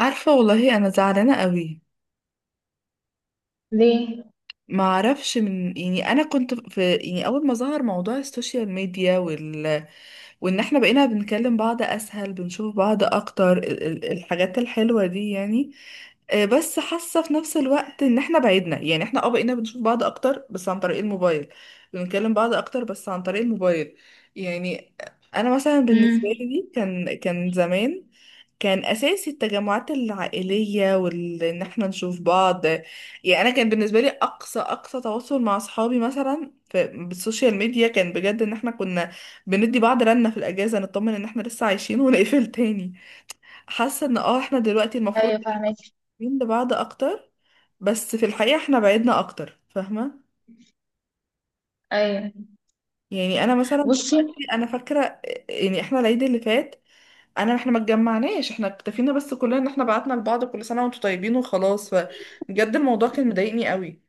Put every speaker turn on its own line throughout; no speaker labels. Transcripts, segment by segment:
عارفة، والله أنا زعلانة قوي.
ليه؟
ما أعرفش، يعني أنا كنت في، يعني، أول ما ظهر موضوع السوشيال ميديا، وان احنا بقينا بنكلم بعض اسهل، بنشوف بعض اكتر الحاجات الحلوة دي يعني. آه، بس حاسة في نفس الوقت ان احنا بعدنا. يعني احنا بقينا بنشوف بعض اكتر بس عن طريق الموبايل، بنتكلم بعض اكتر بس عن طريق الموبايل يعني. انا مثلا بالنسبة
امم.
لي كان زمان كان اساسي التجمعات العائليه وان احنا نشوف بعض. يعني انا كان بالنسبه لي اقصى تواصل مع اصحابي مثلا في بالسوشيال ميديا، كان بجد ان احنا كنا بندي بعض رنة في الأجازة نطمن إن احنا لسه عايشين ونقفل تاني. حاسة إن احنا دلوقتي المفروض
ايوه فاهمك.
قريبين لبعض أكتر، بس في الحقيقة احنا بعدنا أكتر. فاهمة؟
ايوه،
يعني أنا مثلا
بصي.
دلوقتي أنا فاكرة، يعني احنا العيد اللي فات أنا، احنا ما اتجمعناش، احنا اكتفينا بس كلنا إن احنا بعتنا لبعض كل سنة وانتوا طيبين وخلاص. فبجد الموضوع كان مضايقني قوي.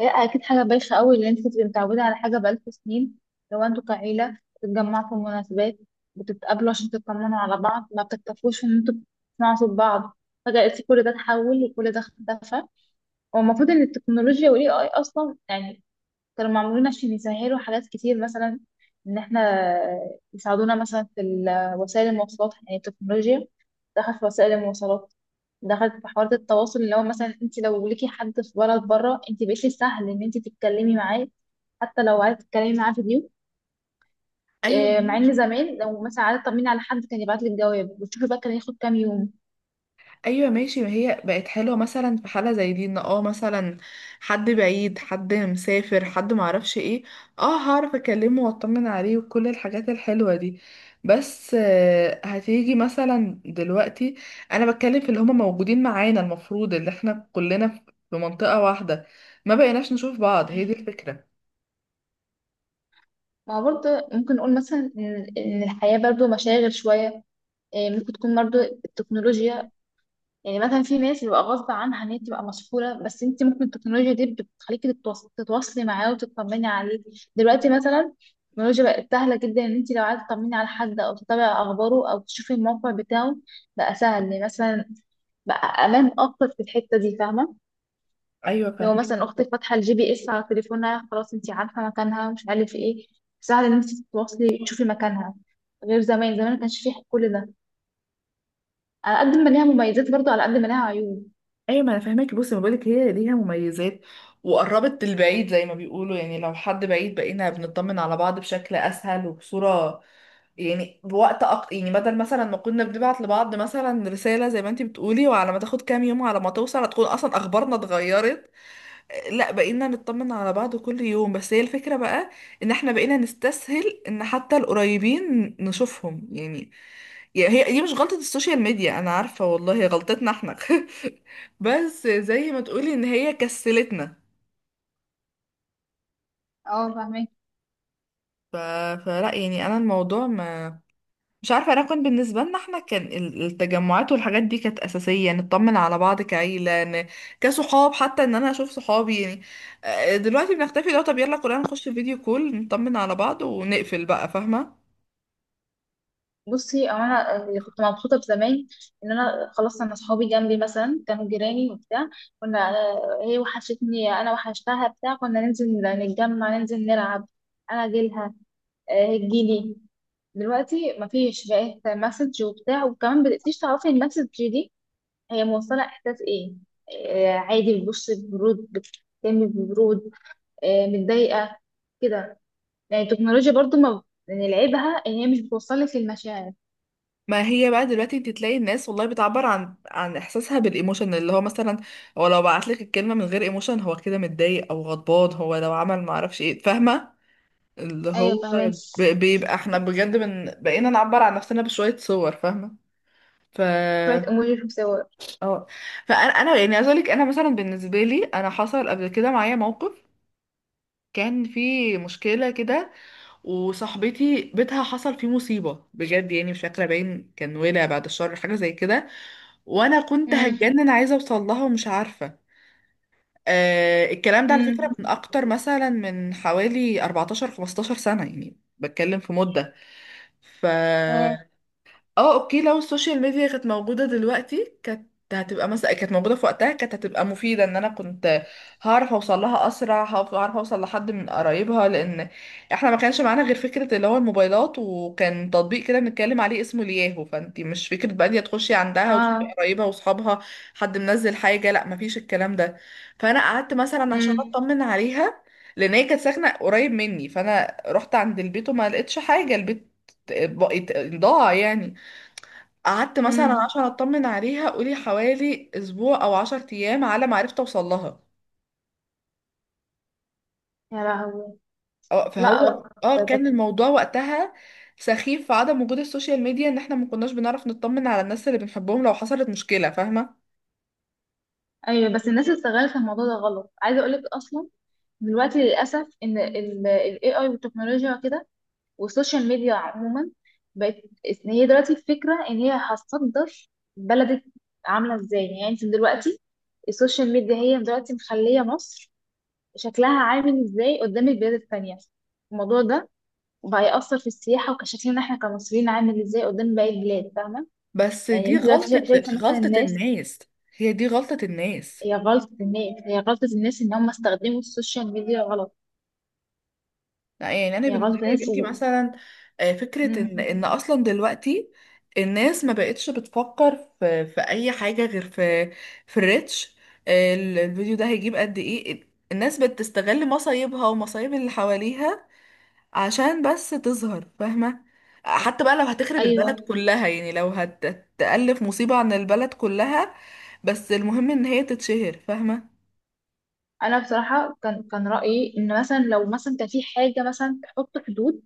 هي اكيد حاجه بايخه قوي اللي انت بتبقي متعوده على حاجه بقالكوا سنين، لو انتوا كعيله بتتجمعوا في مناسبات، بتتقابلوا عشان تطمنوا على بعض، ما بتكتفوش ان انتوا بتسمعوا صوت بعض، فجاه لقيتي كل ده اتحول وكل ده اختفى. هو المفروض ان التكنولوجيا والاي اي اصلا يعني كانوا معمولين عشان يسهلوا حاجات كتير، مثلا ان احنا يساعدونا مثلا في وسائل المواصلات، يعني التكنولوجيا دخلت في وسائل المواصلات، دخلت في حوارات التواصل، اللي هو مثلا انت لو ليكي حد في بلد بره انت بقيتي سهل ان انت تتكلمي معاه، حتى لو عايزه تتكلمي معاه فيديو.
أيوة
آه، مع ان
ماشي.
زمان لو مثلا عايزه تطمني على حد كان يبعت لك جواب وتشوفي، بقى كان ياخد كام يوم.
ايوه ماشي. ما هي بقت حلوه مثلا في حاله زي دي، ان مثلا حد بعيد، حد مسافر، حد معرفش ايه. اه، هعرف اكلمه واطمن عليه وكل الحاجات الحلوه دي. بس آه، هتيجي مثلا دلوقتي انا بتكلم في اللي هما موجودين معانا، المفروض اللي احنا كلنا في منطقه واحده ما بقيناش نشوف بعض. هي دي الفكره.
ما برضه ممكن نقول مثلا إن الحياة برضه مشاغل شوية. إيه، ممكن تكون برضه التكنولوجيا، يعني مثلا في ناس يبقى غصب عنها ان هي تبقى مسحوله، بس انت ممكن التكنولوجيا دي بتخليكي تتواصلي معاه وتطمني عليه. دلوقتي مثلا التكنولوجيا بقت سهله جدا، ان انت لو عايزه تطمني على حد او تتابعي اخباره او تشوفي الموقع بتاعه، بقى سهل يعني مثلا، بقى امان اكتر في الحته دي، فاهمه؟
ايوه
لو
فاهمه.
مثلا اختك فاتحه الجي بي اس على تليفونها، خلاص انت عارفه مكانها، مش عارف ايه، سهل ان انت تتواصلي تشوفي مكانها، غير زمان، زمان ما كانش فيه كل ده. على قد ما ليها مميزات برضه، على قد ما ليها عيوب.
ايوه ما انا فاهمك. بصي، ما بقولك هي ليها مميزات وقربت البعيد زي ما بيقولوا. يعني لو حد بعيد بقينا بنطمن على بعض بشكل اسهل وبصوره يعني، بوقت، يعني بدل مثلا ما كنا بنبعت لبعض مثلا رساله زي ما انتي بتقولي، وعلى ما تاخد كام يوم، على ما توصل هتكون اصلا اخبارنا اتغيرت. لا، بقينا نطمن على بعض كل يوم، بس هي الفكره بقى ان احنا بقينا نستسهل ان حتى القريبين نشوفهم يعني. يعني هي دي مش غلطة السوشيال ميديا، انا عارفة والله، هي غلطتنا احنا. بس زي ما تقولي ان هي كسلتنا.
اه فاهمه.
ف... فلا يعني انا الموضوع ما، مش عارفة. انا كنت بالنسبة لنا احنا كان التجمعات والحاجات دي كانت اساسية نطمن على بعض كعيلة، كصحاب، حتى ان انا اشوف صحابي يعني. آه، دلوقتي بنختفي. لو طب يلا كلنا نخش فيديو كول نطمن على بعض ونقفل بقى. فاهمة؟
بصي، هو انا اللي كنت مبسوطه بزمان ان انا خلاص، انا اصحابي جنبي مثلا كانوا جيراني وبتاع، كنا آه، هي وحشتني انا وحشتها بتاع، كنا ننزل نتجمع ننزل نلعب، انا اجيلها، آه، هي تجيلي. دلوقتي مفيش، بقيت مسج وبتاع، وكمان مبقتيش تعرفي المسج دي هي موصله احساس ايه، آه، عادي بتبص ببرود بتتكلمي ببرود، آه، متضايقه كده، يعني التكنولوجيا برضو ما، يعني لعيبها ان هي مش بتوصلك للمشاعر.
ما هي بقى دلوقتي انت تلاقي الناس والله بتعبر عن احساسها بالايموشن، اللي هو مثلا، هو لو بعت لك الكلمه من غير ايموشن، هو كده متضايق او غضبان، هو لو عمل ما اعرفش ايه، فاهمه. اللي
ايوه
هو
فاهمك.
بيبقى احنا بجد من بقينا نعبر عن نفسنا بشويه صور فاهمه. ف
شويه اموجي وشوف صور.
اه فانا يعني عايزه اقول لك، انا مثلا بالنسبه لي انا حصل قبل كده معايا موقف، كان في مشكلة كده. وصاحبتي بيتها حصل فيه مصيبة بجد، يعني مش فاكرة باين كان ولع بعد الشر حاجة زي كده. وانا كنت
مم.
هتجنن عايزة اوصل لها ومش عارفة. آه، الكلام ده على فكرة
مم.
من اكتر مثلا من حوالي 14 15 سنة، يعني بتكلم في مدة. ف
مم.
اه اوكي، لو السوشيال ميديا كانت موجودة دلوقتي كانت هتبقى مثلا، كانت موجودة في وقتها كانت هتبقى مفيدة، ان انا كنت هعرف اوصل لها اسرع، هعرف اوصل لحد من قرايبها. لان احنا ما كانش معانا غير فكرة اللي هو الموبايلات، وكان تطبيق كده بنتكلم عليه اسمه الياهو. فانتي مش فكرة بقى إن هي تخشي عندها وتشوفي
اه.
قرايبها واصحابها حد منزل حاجة. لا، مفيش الكلام ده. فانا قعدت مثلا عشان
مم.
اطمن عليها، لان هي كانت ساكنة قريب مني. فانا رحت عند البيت وما لقيتش حاجة، البيت بقيت ضاع يعني. قعدت مثلا
مم.
عشان اطمن عليها قولي حوالي اسبوع او عشر ايام على ما عرفت اوصل لها.
يا لهوي.
أه،
لا.
فهو
ده ده-
كان الموضوع وقتها سخيف في عدم وجود السوشيال ميديا، ان احنا ما كناش بنعرف نطمن على الناس اللي بنحبهم لو حصلت مشكلة. فاهمة؟
ايوه، بس الناس استغلت الموضوع ده غلط، عايزه اقول لك اصلا دلوقتي للاسف ان ال AI والتكنولوجيا كده، والسوشيال ميديا عموما بقت، إن هي دلوقتي الفكره ان هي هتصدر بلدك عامله ازاي، يعني انت دلوقتي السوشيال ميديا هي دلوقتي مخليه مصر شكلها عامل ازاي قدام البلاد التانيه، الموضوع ده، وبقى يأثر في السياحة، وكشكلنا احنا كمصريين عامل ازاي قدام باقي البلاد، فاهمة؟
بس
يعني
دي
انت دلوقتي
غلطة،
شايفة مثلا
غلطة
الناس.
الناس. هي دي غلطة الناس.
هي غلطة الناس، هي غلطة الناس ان هم استخدموا السوشيال ميديا غلط،
لا يعني انا
هي
بالنسبه
غلطة
لي يا
الناس
بنتي
و...
مثلا، آه، فكره ان، ان
مم.
اصلا دلوقتي الناس ما بقتش بتفكر في اي حاجه غير في الريتش. آه، الفيديو ده هيجيب قد ايه. الناس بتستغل مصايبها ومصايب اللي حواليها عشان بس تظهر فاهمه. حتى بقى لو هتخرب
ايوه.
البلد كلها، يعني لو هتألف مصيبه عن البلد كلها، بس المهم ان هي تتشهر فاهمه.
انا بصراحة كان رأيي ان مثلا لو مثلا كان في حاجة مثلا تحط حدود،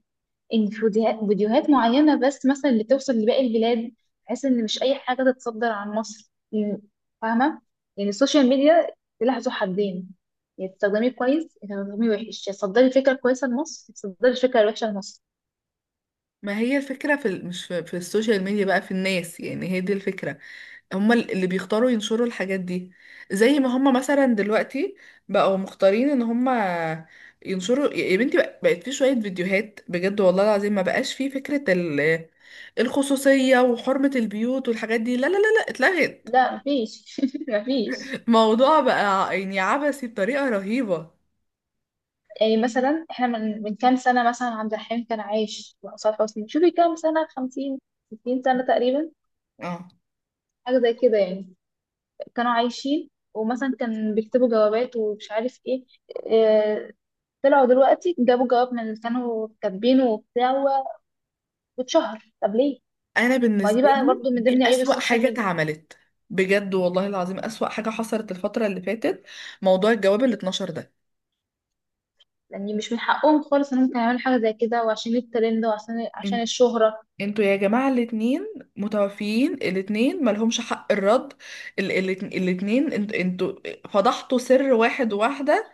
ان في فيديوهات، فيديوهات معينه بس مثلا اللي توصل لباقي البلاد، بحيث ان مش اي حاجه تتصدر عن مصر فاهمه؟ يعني السوشيال ميديا سلاح ذو حدين، يا تستخدميه كويس يا تستخدميه وحش، يا تصدري فكره كويسه لمصر يا تصدري فكره وحشه لمصر.
ما هي الفكره في ال- مش في, في السوشيال ميديا بقى، في الناس. يعني هي دي الفكره. هم اللي بيختاروا ينشروا الحاجات دي، زي ما هم مثلا دلوقتي بقوا مختارين ان هم ينشروا. يا بنتي، بقت في شوية فيديوهات بجد والله العظيم ما بقاش في فكرة الخصوصية وحرمة البيوت والحاجات دي، لا لا لا لا، اتلغت.
لا، مفيش مفيش.
الموضوع بقى يعني عبثي بطريقة رهيبة.
يعني مثلا احنا من كام سنه مثلا عبد الحليم كان عايش، وحسام حسني، شوفي كام سنه، 50 60 سنه تقريبا،
اه،
حاجه زي كده يعني، كانوا عايشين، ومثلا كان بيكتبوا جوابات ومش عارف ايه، آه، طلعوا دلوقتي جابوا جواب من اللي كانوا كاتبينه وبتاع واتشهر، طب ليه؟
انا
ما دي
بالنسبة
بقى
لي
برضو من
دي
ضمن عيوب
اسوأ
السوشيال
حاجة
ميديا،
اتعملت، بجد والله العظيم اسوأ حاجة حصلت الفترة اللي فاتت موضوع الجواب اللي اتنشر ده.
يعني مش من حقهم خالص انهم كانوا يعملوا حاجه زي كده، وعشان الترند، وعشان الشهره.
انتوا يا جماعة، الاتنين متوفيين، الاتنين ملهمش حق الرد. ال الاتنين، انتوا فضحتوا سر واحد وواحدة.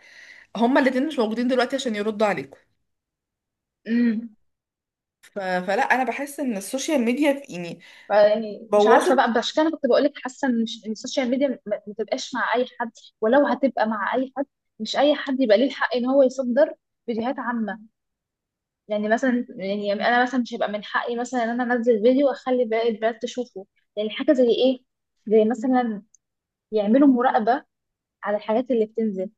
هما الاتنين مش موجودين دلوقتي عشان يردوا عليكم.
امم.
فلا، انا بحس ان السوشيال ميديا، في يعني،
يعني مش عارفه بقى،
بوظت.
عشان كده انا كنت بقول لك حاسه ان إن السوشيال ميديا ما تبقاش مع اي حد، ولو هتبقى مع اي حد، مش اي حد يبقى ليه الحق ان هو يصدر فيديوهات عامه، يعني مثلا، يعني انا مثلا مش هيبقى من حقي مثلا ان انا انزل فيديو واخلي باقي البنات تشوفه، يعني حاجه زي ايه، زي مثلا يعملوا مراقبة على الحاجات اللي بتنزل.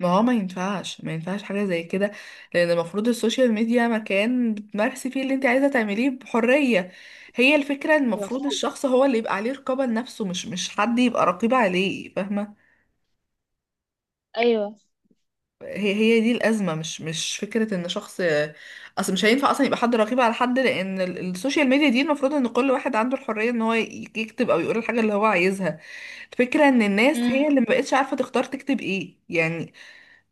ما هو ما ينفعش حاجة زي كده. لان المفروض السوشيال ميديا مكان بتمارسي فيه اللي انت عايزة تعمليه بحرية. هي الفكرة إن المفروض
المفروض،
الشخص هو اللي يبقى عليه رقابة لنفسه، مش حد يبقى رقيب عليه. فاهمة؟
ايوه.
هي دي الأزمة. مش فكرة ان شخص، اصل مش هينفع اصلا يبقى حد رقيب على حد. لان السوشيال ميديا دي المفروض ان كل واحد عنده الحرية ان هو يكتب او يقول الحاجة اللي هو عايزها. الفكرة ان الناس هي اللي
امم.
مبقتش عارفة تختار تكتب ايه يعني.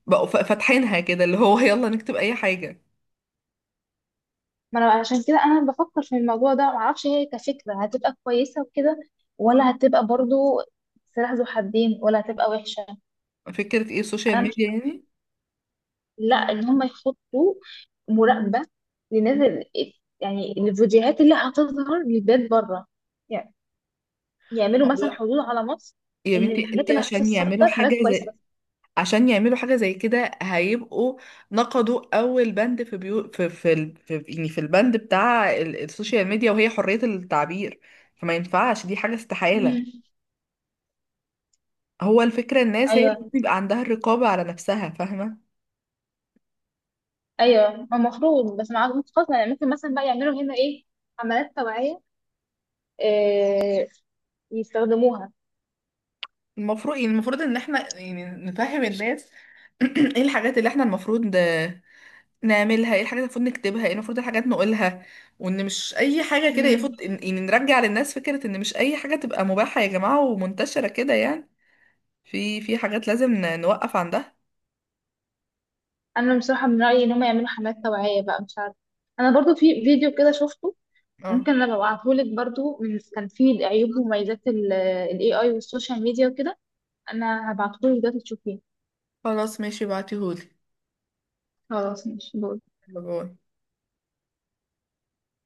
بقوا فاتحينها كده اللي هو، يلا نكتب اي حاجة.
ما انا عشان كده انا بفكر في الموضوع ده، معرفش هي كفكرة هتبقى كويسة وكده، ولا هتبقى برضو سلاح ذو حدين، ولا هتبقى وحشة.
فكرة ايه السوشيال
انا مش،
ميديا يعني.
لا، ان هم يحطوا مراقبة للناس يعني الفيديوهات اللي هتظهر للبيت بره، يعني يعملوا مثلا
هو
حدود على مصر،
يا
ان
بنتي
الحاجات
انت
اللي
عشان يعملوا
هتتصدر حاجات
حاجة
كويسة
زي،
بس.
عشان يعملوا حاجة زي كده هيبقوا نقضوا أول بند في بيو في في يعني في البند بتاع السوشيال ميديا، وهي حرية التعبير. فما ينفعش، دي حاجة استحالة.
امم.
هو الفكرة الناس هي اللي
ايوه،
بيبقى عندها الرقابة على نفسها. فاهمة؟
ايوه المفروض، بس مع، خلاص يعني ممكن مثلا بقى يعملوا هنا ايه، حملات توعيه، إيه، يستخدموها.
المفروض يعني، المفروض إن احنا يعني نفهم الناس. ايه الحاجات اللي احنا المفروض نعملها، ايه الحاجات اللي المفروض نكتبها، ايه المفروض الحاجات نقولها. وان مش اي حاجة كده
امم.
يفوت. يعني نرجع للناس فكرة ان مش اي حاجة تبقى مباحة يا جماعة ومنتشرة كده يعني. في، حاجات لازم نوقف عندها.
انا بصراحه من رايي ان هم يعملوا حملات توعيه بقى، مش عارفه، انا برضو في فيديو كده شفته،
اه
ممكن انا ابعتهولك برضو، من كان فيه عيوب ومميزات الاي اي والسوشيال ميديا وكده، انا هبعتهولك دلوقتي تشوفيه.
خلاص ماشي، بعتيهولي.
خلاص ماشي، باي.
يلا باي.